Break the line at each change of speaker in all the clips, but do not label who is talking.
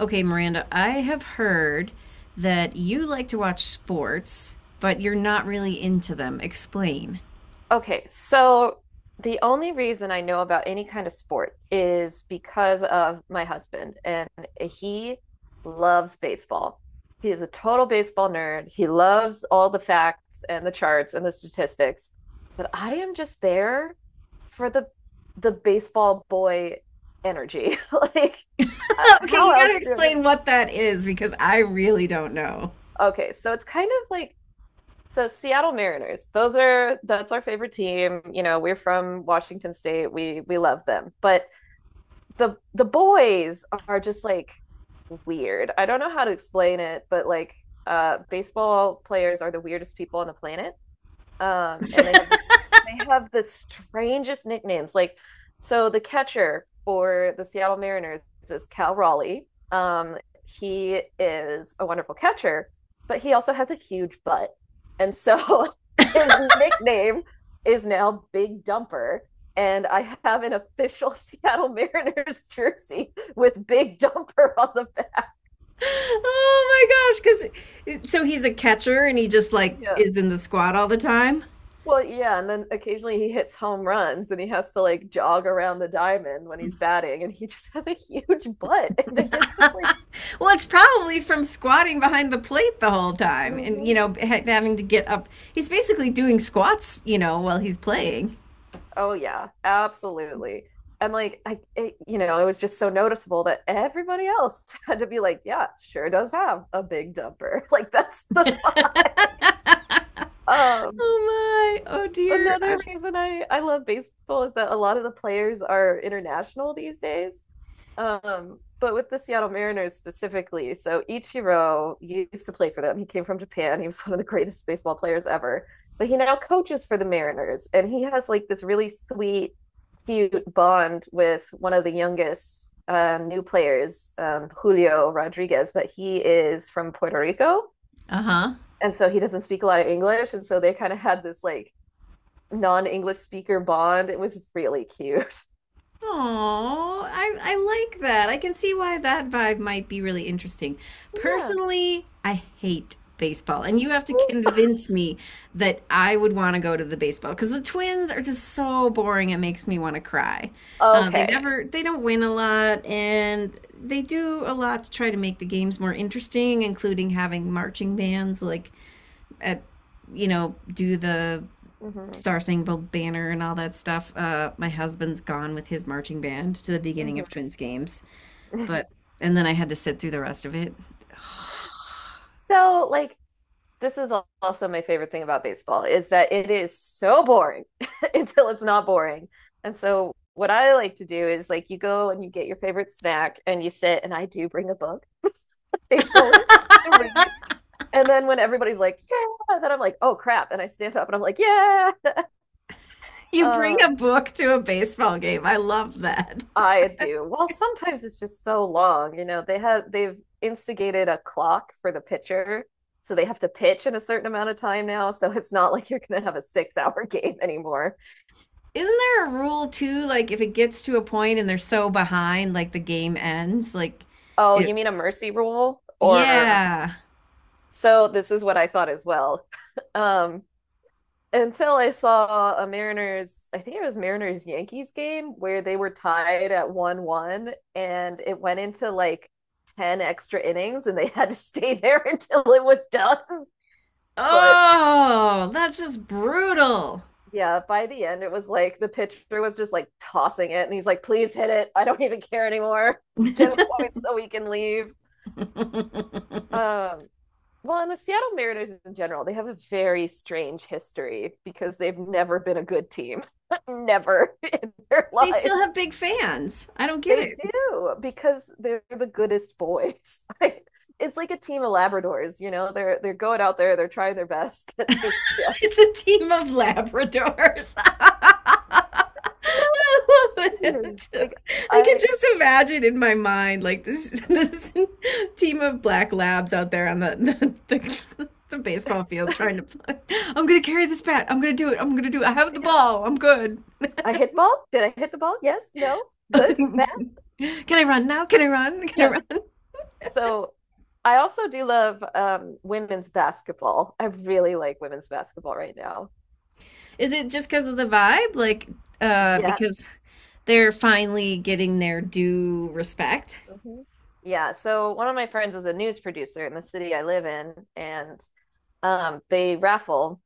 Okay, Miranda, I have heard that you like to watch sports, but you're not really into them. Explain.
Okay, so the only reason I know about any kind of sport is because of my husband, and he loves baseball. He is a total baseball nerd. He loves all the facts and the charts and the statistics, but I am just there for the baseball boy energy. Like,
Okay,
how
you gotta
else do
explain what that is because I really don't know.
I... Okay, so it's kind of like So Seattle Mariners, those are that's our favorite team. You know, we're from Washington State. We love them. But the boys are just like weird. I don't know how to explain it, but like baseball players are the weirdest people on the planet. And they have this they have the strangest nicknames. Like, so the catcher for the Seattle Mariners is Cal Raleigh. Um, he is a wonderful catcher, but he also has a huge butt. And so his nickname is now Big Dumper. And I have an official Seattle Mariners jersey with Big Dumper on the back.
Oh my gosh, because so he's a catcher and he just like
Yeah.
is in the squat all the time?
Well, yeah, and then occasionally he hits home runs and he has to like jog around the diamond when he's batting and he just has a huge butt. And I guess just like,
Well, it's probably from squatting behind the plate the whole time and,
mhm.
you know, ha having to get up. He's basically doing squats, you know, while he's playing.
Oh yeah, absolutely. And like I it was just so noticeable that everybody else had to be like, yeah, sure does have a big dumper. Like that's the um
Oh my, oh dear.
another reason I love baseball is that a lot of the players are international these days. But with the Seattle Mariners specifically, so Ichiro used to play for them. He came from Japan. He was one of the greatest baseball players ever. But he now coaches for the Mariners, and he has like this really sweet, cute bond with one of the youngest new players, Julio Rodriguez. But he is from Puerto Rico,
Uh huh.
and so he doesn't speak a lot of English, and so they kind of had this like non-English speaker bond. It was really cute.
Oh, I like that. I can see why that vibe might be really interesting.
Yeah.
Personally, I hate baseball, and you have to convince me that I would want to go to the baseball because the Twins are just so boring. It makes me want to cry.
Okay.
They don't win a lot, and they do a lot to try to make the games more interesting, including having marching bands like at you know do the
Mm-hmm.
Star Spangled Banner and all that stuff. My husband's gone with his marching band to the beginning
Mm-hmm.
of Twins games, but and then I had to sit through the rest of it.
So, like, this is also my favorite thing about baseball is that it is so boring until it's not boring. And so, what I like to do is like you go and you get your favorite snack and you sit, and I do bring a book occasionally to read. And then when everybody's like, yeah, then I'm like, oh crap. And I stand up and I'm like, yeah.
You bring a
Um,
book to a baseball game. I love that.
I do. Well, sometimes it's just so long. You know, they've instigated a clock for the pitcher, so they have to pitch in a certain amount of time now. So it's not like you're gonna have a six hour game anymore.
Isn't there a rule too? Like if it gets to a point and they're so behind, like the game ends. Like
Oh,
it.
you mean a mercy rule? Or
Yeah.
so this is what I thought as well. Um, until I saw a Mariners, I think it was Mariners Yankees game where they were tied at 1-1 and it went into like 10 extra innings and they had to stay there until it was done. But
Oh, that's just brutal.
yeah, by the end, it was like the pitcher was just like tossing it, and he's like, "Please hit it. I don't even care anymore. Get a point so we can leave." Um, well, and the Seattle Mariners in general, they have a very strange history because they've never been a good team, never in their
They still
lives.
have big fans. I don't get
They
it.
do because they're the goodest boys. Like, it's like a team of Labradors, you know. They're going out there, they're trying their best, but they just
It's a team of Labradors. I love
no.
it.
Like
I can
I,
just imagine in my mind like this this team of black labs out there on the the baseball field trying to play. I'm gonna carry this bat. I'm gonna do it. I'm gonna do it. I have the
you
ball. I'm good.
I hit ball. Did I hit the ball? Yes, no, good, bad.
Can I run now? Can I run? Can I
Yeah.
run?
So I also do love women's basketball. I really like women's basketball right now.
Is it just because of the vibe? Like, because
Yes.
they're finally getting their due respect?
Mhm. Yeah. So one of my friends is a news producer in the city I live in, and they raffle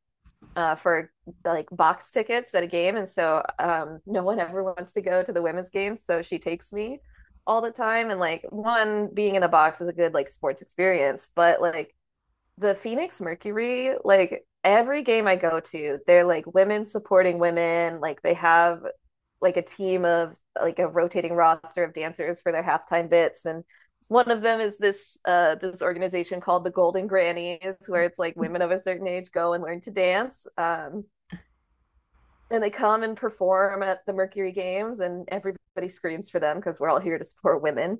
for like box tickets at a game. And so no one ever wants to go to the women's games. So she takes me all the time. And like, one, being in the box is a good like sports experience, but like, the Phoenix Mercury, like every game I go to, they're like women supporting women. Like they have like a team of like a rotating roster of dancers for their halftime bits and one of them is this this organization called the Golden Grannies where it's like women of a certain age go and learn to dance and they come and perform at the Mercury Games and everybody screams for them because we're all here to support women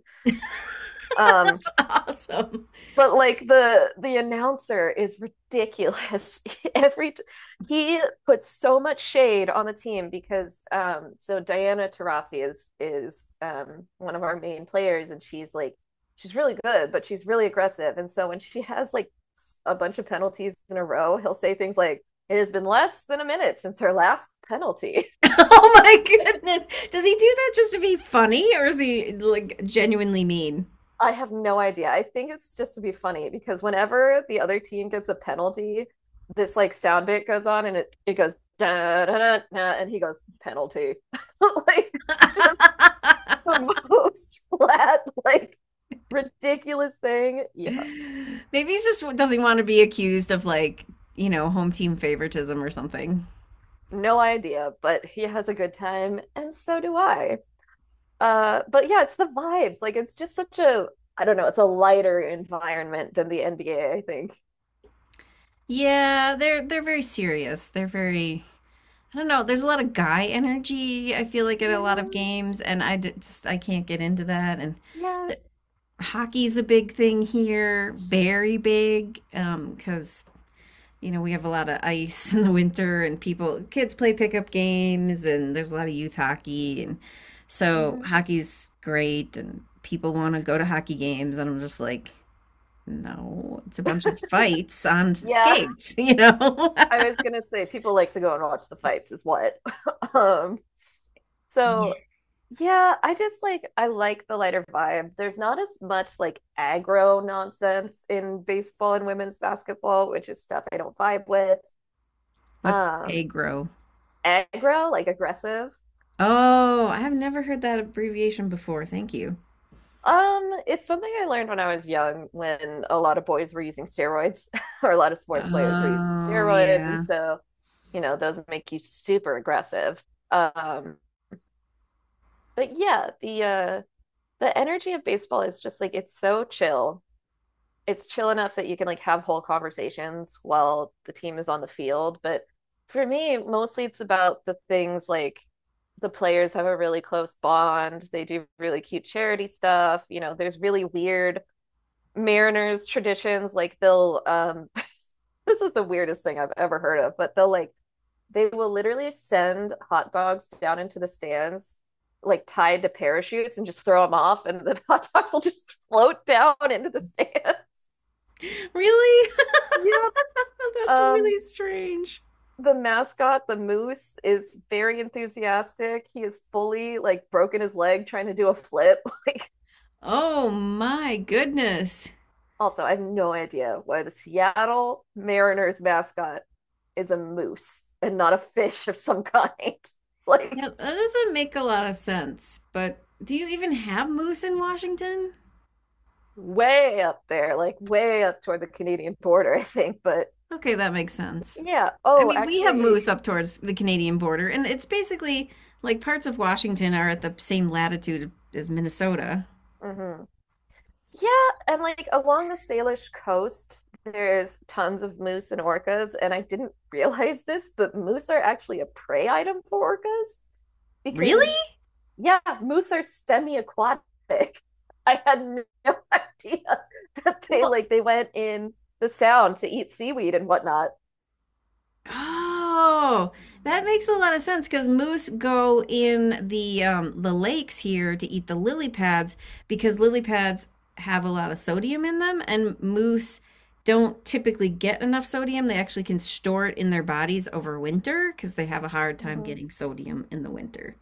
um
That's awesome.
But like the announcer is ridiculous. Every t he puts so much shade on the team because so Diana Taurasi is one of our main players and she's really good, but she's really aggressive. And so when she has like a bunch of penalties in a row, he'll say things like, it has been less than a minute since her last penalty.
Oh my goodness. Does he do that just to be funny or is he like genuinely mean?
I have no idea. I think it's just to be funny because whenever the other team gets a penalty, this like sound bit goes on and it goes da da da da and he goes penalty. like just the most flat, like ridiculous thing. Yeah,
Maybe he's just doesn't want to be accused of like, you know, home team favoritism or something.
no idea, but he has a good time and so do I. But yeah, it's the vibes. Like it's just such a I don't know, it's a lighter environment than the NBA, I think.
Yeah, they're very serious. They're very I don't know. There's a lot of guy energy. I feel like in a lot of
Yeah,
games, and just I can't get into that. And
yeah.
the, hockey's a big thing here, very big, because you know, we have a lot of ice in the winter and people, kids play pickup games and there's a lot of youth hockey. And so
Mm-hmm.
hockey's great and people want to go to hockey games. And I'm just like, no, it's a bunch of fights on
Yeah.
skates, you know?
I was gonna say people like to go and watch the fights is what. um,
Yeah.
so yeah, I just like I like the lighter vibe. There's not as much like aggro nonsense in baseball and women's basketball, which is stuff I don't vibe with.
What's
Um,
aggro?
Aggro, like aggressive.
Oh, I've never heard that abbreviation before. Thank you.
It's something I learned when I was young when a lot of boys were using steroids or a lot of sports players were using
Oh,
steroids, and
yeah.
so you know, those make you super aggressive. Um, but yeah, the energy of baseball is just like it's so chill. It's chill enough that you can like have whole conversations while the team is on the field. But for me, mostly it's about the things like the players have a really close bond. They do really cute charity stuff. You know, there's really weird Mariners traditions. Like they'll this is the weirdest thing I've ever heard of, but they will literally send hot dogs down into the stands like tied to parachutes and just throw them off and the hot dogs will just float down into the stand.
Really?
yep.
That's
Um
really strange.
the mascot, the moose, is very enthusiastic. He is fully like broken his leg trying to do a flip.
Oh my goodness.
Also, I have no idea why the Seattle Mariners mascot is a moose and not a fish of some kind. Like
Yeah, that doesn't make a lot of sense. But do you even have moose in Washington?
way up there, like way up toward the Canadian border, I think. But
Okay, that makes sense.
yeah,
I
oh,
mean, we have
actually,
moose up towards the Canadian border, and it's basically like parts of Washington are at the same latitude as Minnesota.
mhm. Yeah, and like along the Salish coast, there's tons of moose and orcas. And I didn't realize this, but moose are actually a prey item for orcas
Really?
because, yeah, moose are semi-aquatic. I had no idea that
Well,
they went in the sound to eat seaweed and whatnot.
oh, that makes a lot of sense because moose go in the lakes here to eat the lily pads because lily pads have a lot of sodium in them, and moose don't typically get enough sodium. They actually can store it in their bodies over winter because they have a hard time
Hmm.
getting sodium in the winter.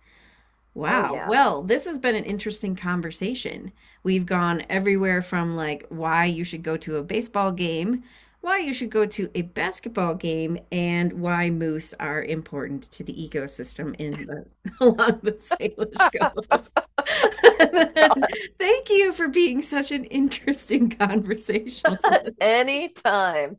Oh
Wow.
yeah.
Well, this has been an interesting conversation. We've gone everywhere from like why you should go to a baseball game, why you should go to a basketball game, and why moose are important to the ecosystem in the along the Salish Coast.
Oh my God.
Thank you for being such an interesting conversationalist.
Anytime.